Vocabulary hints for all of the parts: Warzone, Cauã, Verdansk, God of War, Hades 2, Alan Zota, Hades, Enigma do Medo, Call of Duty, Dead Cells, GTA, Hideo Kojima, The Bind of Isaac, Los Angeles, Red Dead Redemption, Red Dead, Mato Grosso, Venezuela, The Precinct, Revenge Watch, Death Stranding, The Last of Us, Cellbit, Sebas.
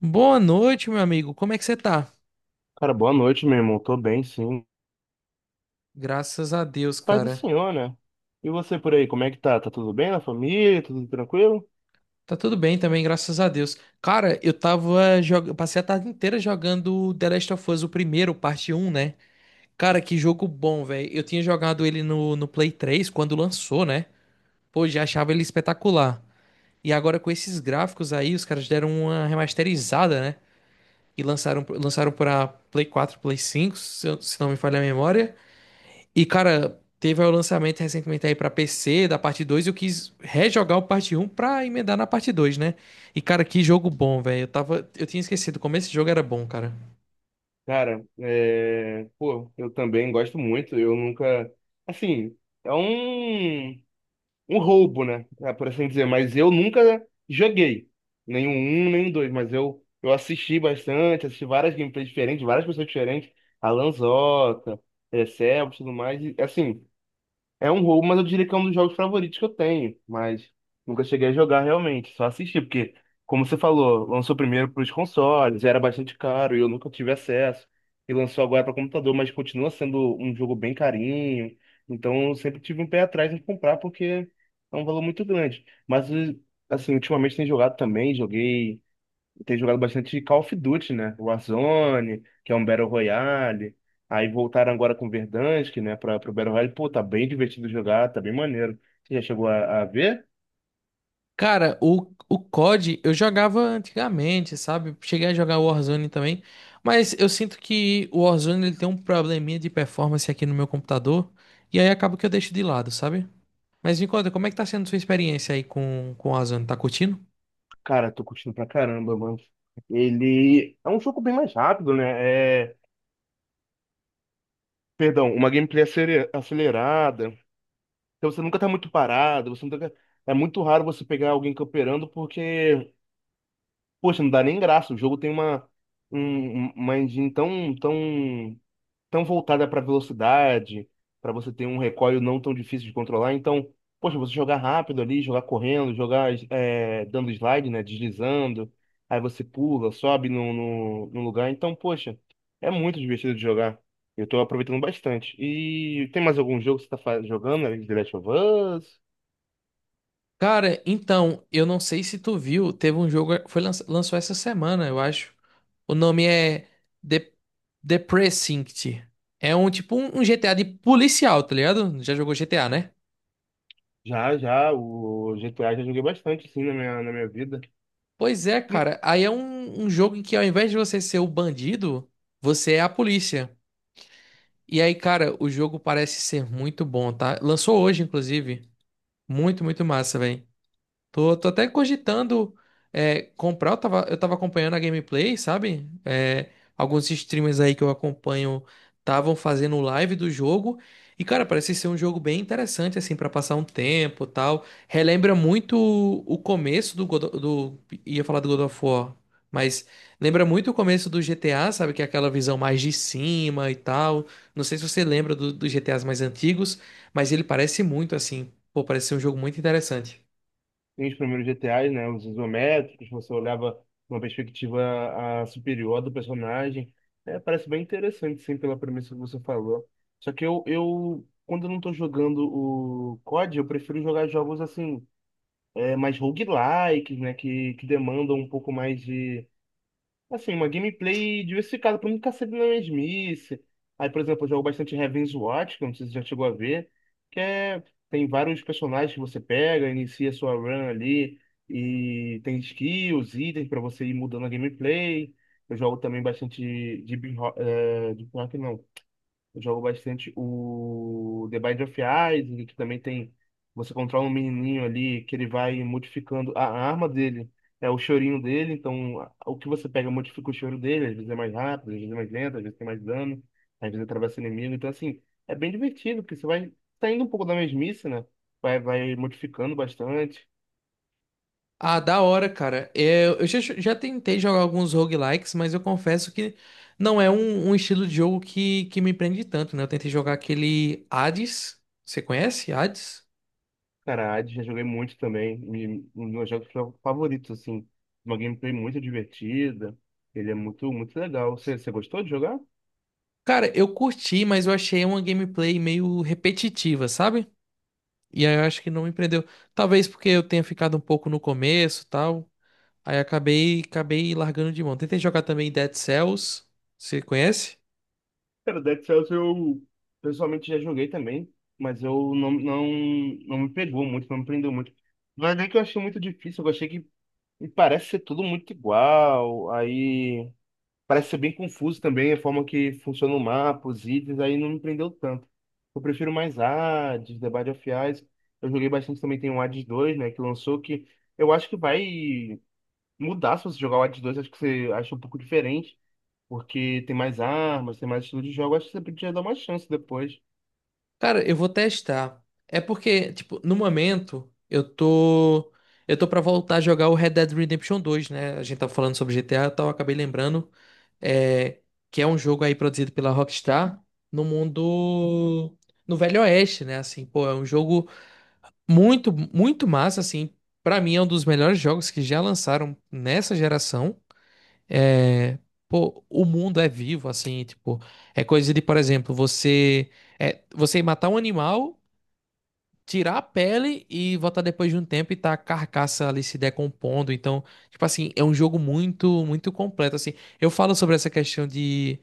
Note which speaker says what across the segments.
Speaker 1: Boa noite, meu amigo. Como é que você tá?
Speaker 2: Cara, boa noite, meu irmão. Tô bem, sim.
Speaker 1: Graças a Deus,
Speaker 2: Paz do
Speaker 1: cara.
Speaker 2: Senhor, né? E você por aí, como é que tá? Tá tudo bem na família? Tudo tranquilo?
Speaker 1: Tá tudo bem também, graças a Deus. Cara, eu tava jogando, passei a tarde inteira jogando The Last of Us, o primeiro, parte um, né? Cara, que jogo bom, velho. Eu tinha jogado ele no Play 3 quando lançou, né? Pô, já achava ele espetacular. E agora com esses gráficos aí, os caras deram uma remasterizada, né? E lançaram pra Play 4, Play 5, se não me falha a memória. E, cara, teve o lançamento recentemente aí pra PC da parte 2 e eu quis rejogar o parte um pra emendar na parte 2, né? E, cara, que jogo bom, velho. Eu tinha esquecido como esse jogo era bom, cara.
Speaker 2: Cara, é, pô, eu também gosto muito. Eu nunca. Assim, é um roubo, né? É, por assim dizer. Mas eu nunca joguei. Nem o um, nem o dois. Mas eu assisti bastante, assisti várias gameplays diferentes, várias pessoas diferentes. Alan Zota, Sebas, tudo mais. E, assim, é um roubo, mas eu diria que é um dos jogos favoritos que eu tenho. Mas nunca cheguei a jogar realmente, só assisti, porque, como você falou, lançou primeiro para os consoles, era bastante caro e eu nunca tive acesso. E lançou agora para computador, mas continua sendo um jogo bem carinho. Então eu sempre tive um pé atrás em comprar, porque é um valor muito grande. Mas, assim, ultimamente tenho jogado também, joguei tem jogado bastante Call of Duty, né? Warzone, que é um Battle Royale. Aí voltaram agora com Verdansk, né, para pro Battle Royale. Pô, tá bem divertido jogar, tá bem maneiro. Você já chegou a ver?
Speaker 1: Cara, o COD eu jogava antigamente, sabe? Cheguei a jogar o Warzone também, mas eu sinto que o Warzone ele tem um probleminha de performance aqui no meu computador e aí acaba que eu deixo de lado, sabe? Mas me conta, como é que tá sendo sua experiência aí com o Warzone? Tá curtindo?
Speaker 2: Cara, tô curtindo pra caramba, mano. Ele é um jogo bem mais rápido, né? É, perdão, uma gameplay acelerada. Então você nunca tá muito parado, você nunca... é muito raro você pegar alguém camperando porque, poxa, não dá nem graça. O jogo tem uma engine tão tão voltada para velocidade, para você ter um recoil não tão difícil de controlar. Então, poxa, você jogar rápido ali, jogar correndo, jogar dando slide, né, deslizando, aí você pula, sobe no lugar. Então, poxa, é muito divertido de jogar. Eu tô aproveitando bastante. E tem mais algum jogo que você tá jogando além de The Last of Us?
Speaker 1: Cara, então, eu não sei se tu viu, teve um jogo, lançou essa semana, eu acho. O nome é The, The Precinct. É um tipo um GTA de policial, tá ligado? Já jogou GTA, né?
Speaker 2: Já, já, o GTA já joguei bastante, sim, na minha vida.
Speaker 1: Pois é, cara. Aí é um jogo em que ao invés de você ser o bandido, você é a polícia. E aí, cara, o jogo parece ser muito bom, tá? Lançou hoje, inclusive. Muito, muito massa, velho. Tô até cogitando comprar. Eu tava acompanhando a gameplay, sabe? Alguns streamers aí que eu acompanho estavam fazendo live do jogo. E, cara, parece ser um jogo bem interessante, assim, pra passar um tempo e tal. Relembra muito o começo do God of War, mas lembra muito o começo do GTA, sabe? Que é aquela visão mais de cima e tal. Não sei se você lembra dos GTAs mais antigos, mas ele parece muito, assim. Pô, parece ser um jogo muito interessante.
Speaker 2: Tem os primeiros GTAs, né? Os isométricos, você olhava uma perspectiva superior do personagem. É, parece bem interessante, sim, pela premissa que você falou. Só que eu quando eu não tô jogando o COD, eu prefiro jogar jogos assim, mais roguelikes, né? Que demandam um pouco mais de... assim, uma gameplay diversificada pra não ficar sempre na mesmice. Aí, por exemplo, eu jogo bastante Revenge Watch, que eu não sei se você já chegou a ver, que é... tem vários personagens que você pega, inicia sua run ali, e tem skills, itens pra você ir mudando a gameplay. Eu jogo também bastante de, de, eu jogo bastante o The Bind of Isaac, que também tem. Você controla um menininho ali que ele vai modificando a arma dele. É o chorinho dele, então o que você pega modifica o choro dele. Às vezes é mais rápido, às vezes é mais lento, às vezes tem mais dano, às vezes atravessa o inimigo. Então, assim, é bem divertido, porque você vai saindo um pouco da mesmice, né? Vai modificando bastante.
Speaker 1: Ah, da hora, cara. É, eu já tentei jogar alguns roguelikes, mas eu confesso que não é um estilo de jogo que me prende tanto, né? Eu tentei jogar aquele Hades. Você conhece Hades?
Speaker 2: Cara, Hades já joguei muito também. Um dos meus jogos favoritos, assim. Uma gameplay muito divertida. Ele é muito, muito legal. Você gostou de jogar?
Speaker 1: Cara, eu curti, mas eu achei uma gameplay meio repetitiva, sabe? E aí eu acho que não me prendeu. Talvez porque eu tenha ficado um pouco no começo, e tal. Aí acabei largando de mão. Tentei jogar também Dead Cells. Você conhece?
Speaker 2: Cara, Dead Cells eu pessoalmente já joguei também, mas eu não, não, não me pegou muito, não me prendeu muito. Mas é que eu achei muito difícil, eu achei que me parece ser tudo muito igual, aí parece ser bem confuso também a forma que funciona o mapa, os itens, aí não me prendeu tanto. Eu prefiro mais Hades, The Binding of Ice. Eu joguei bastante também, tem o Hades dois, né, que lançou, que eu acho que vai mudar se você jogar o Hades 2, acho que você acha um pouco diferente. Porque tem mais armas, tem mais estilo de jogo. Acho que você podia dar uma chance depois.
Speaker 1: Cara, eu vou testar. É porque, tipo, no momento, eu tô. Eu tô pra voltar a jogar o Red Dead Redemption dois, né? A gente tava falando sobre GTA e tal, eu acabei lembrando. É, que é um jogo aí produzido pela Rockstar no mundo. No Velho Oeste, né? Assim, pô, é um jogo muito, muito massa, assim. Pra mim, é um dos melhores jogos que já lançaram nessa geração. É. Pô, o mundo é vivo, assim, tipo. É coisa de, por exemplo, você. É, você matar um animal, tirar a pele e voltar depois de um tempo e tá a carcaça ali se decompondo. Então, tipo assim, é um jogo muito, muito completo, assim. Eu falo sobre essa questão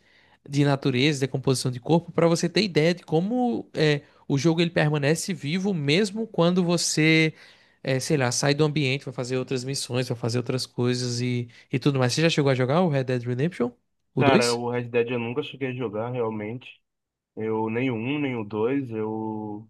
Speaker 1: de natureza, decomposição de corpo, para você ter ideia de como é, o jogo ele permanece vivo mesmo quando você, sei lá, sai do ambiente, vai fazer outras missões, vai fazer outras coisas e tudo mais. Você já chegou a jogar o Red Dead Redemption? O
Speaker 2: Cara,
Speaker 1: dois.
Speaker 2: o Red Dead eu nunca cheguei a jogar realmente. Eu nem o 1, nem o 2. Eu...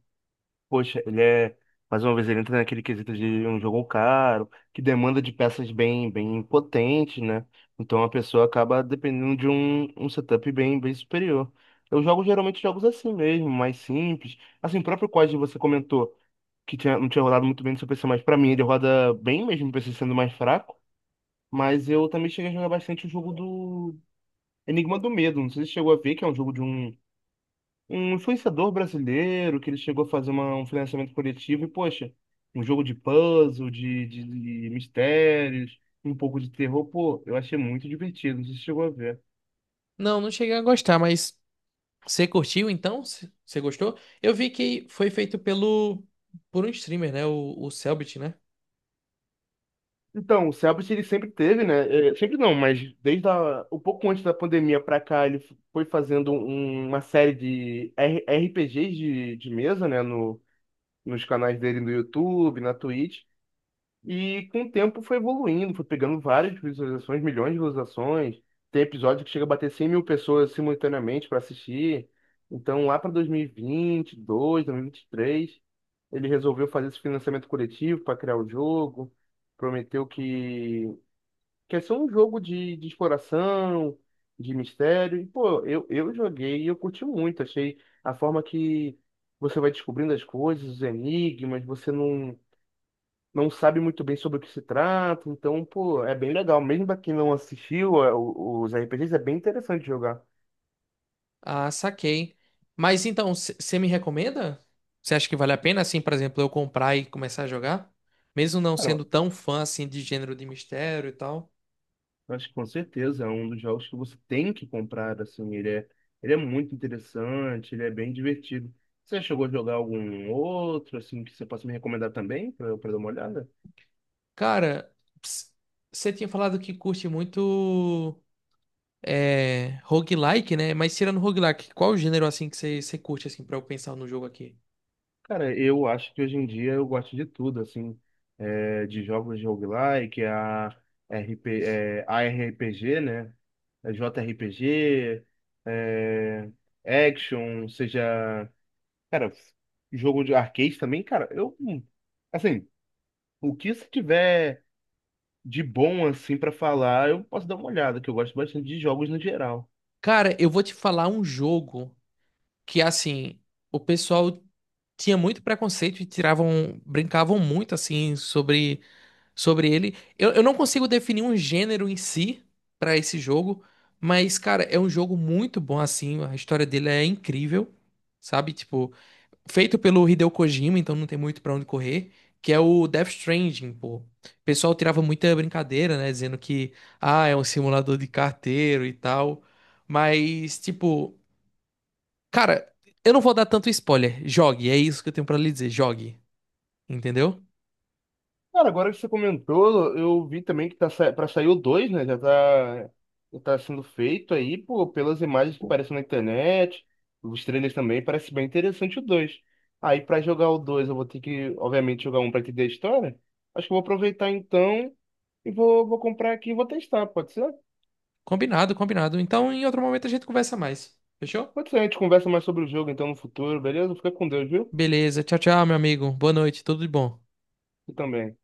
Speaker 2: poxa, ele é... mais uma vez, ele entra naquele quesito de um jogo caro, que demanda de peças bem, bem potentes, né? Então a pessoa acaba dependendo de um setup bem, bem superior. Eu jogo geralmente jogos assim mesmo, mais simples. Assim, o próprio COD você comentou que não tinha rodado muito bem no seu PC, mas pra mim ele roda bem mesmo, o PC sendo mais fraco. Mas eu também cheguei a jogar bastante o jogo do Enigma do Medo. Não sei se você chegou a ver, que é um jogo de um influenciador brasileiro, que ele chegou a fazer um financiamento coletivo. E, poxa, um jogo de puzzle, de mistérios, um pouco de terror. Pô, eu achei muito divertido. Não sei se você chegou a ver.
Speaker 1: Não, não cheguei a gostar, mas você curtiu então? Você gostou? Eu vi que foi feito pelo por um streamer, né? O Cellbit, né?
Speaker 2: Então, o Cellbit ele sempre teve, né? Sempre não, mas desde a, um pouco antes da pandemia pra cá, ele foi fazendo uma série de RPGs de mesa, né? No, nos canais dele no YouTube, na Twitch. E com o tempo foi evoluindo, foi pegando várias visualizações, milhões de visualizações. Tem episódio que chega a bater 100 mil pessoas simultaneamente para assistir. Então, lá para 2022, 2023, ele resolveu fazer esse financiamento coletivo para criar o jogo. Prometeu que é só um jogo de exploração, de mistério. E, pô, eu joguei e eu curti muito. Achei a forma que você vai descobrindo as coisas, os enigmas, você não sabe muito bem sobre o que se trata, então, pô, é bem legal. Mesmo pra quem não assistiu o- os RPGs, é bem interessante jogar.
Speaker 1: Ah, saquei. Mas então, você me recomenda? Você acha que vale a pena, assim, por exemplo, eu comprar e começar a jogar? Mesmo não
Speaker 2: Cara,
Speaker 1: sendo tão fã, assim, de gênero de mistério e tal.
Speaker 2: eu acho que com certeza é um dos jogos que você tem que comprar, assim, ele é muito interessante, ele é bem divertido. Você chegou a jogar algum outro, assim, que você possa me recomendar também, pra eu dar uma olhada?
Speaker 1: Cara, ps- você tinha falado que curte muito roguelike, né? Mas tirando roguelike, qual o gênero, assim, que você curte, assim, pra eu pensar no jogo aqui?
Speaker 2: Cara, eu acho que hoje em dia eu gosto de tudo, assim, de jogos de roguelike, a RP, é, ARPG, né? É, JRPG, é, action, seja, cara, jogo de arcade também, cara, assim, o que se tiver de bom, assim, pra falar, eu posso dar uma olhada, que eu gosto bastante de jogos no geral.
Speaker 1: Cara, eu vou te falar um jogo. Que assim, o pessoal tinha muito preconceito e tiravam, brincavam muito assim sobre ele. Eu não consigo definir um gênero em si pra esse jogo, mas cara, é um jogo muito bom assim, a história dele é incrível, sabe? Tipo, feito pelo Hideo Kojima, então não tem muito pra onde correr, que é o Death Stranding, pô. O pessoal tirava muita brincadeira, né, dizendo que ah, é um simulador de carteiro e tal. Mas, tipo, cara, eu não vou dar tanto spoiler. Jogue, é isso que eu tenho pra lhe dizer. Jogue, entendeu?
Speaker 2: Cara, agora que você comentou, eu vi também que tá sa... para sair o dois, né? Já tá sendo feito aí, pô, pelas imagens que aparecem na internet, os trailers também, parece bem interessante o dois. Aí pra jogar o 2 eu vou ter que, obviamente, jogar um pra entender a história. Acho que eu vou aproveitar então vou comprar aqui e vou testar, pode ser?
Speaker 1: Combinado, combinado. Então, em outro momento a gente conversa mais. Fechou?
Speaker 2: Pode ser, a gente conversa mais sobre o jogo então no futuro, beleza? Fica com Deus, viu?
Speaker 1: Beleza. Tchau, tchau, meu amigo. Boa noite. Tudo de bom.
Speaker 2: E também.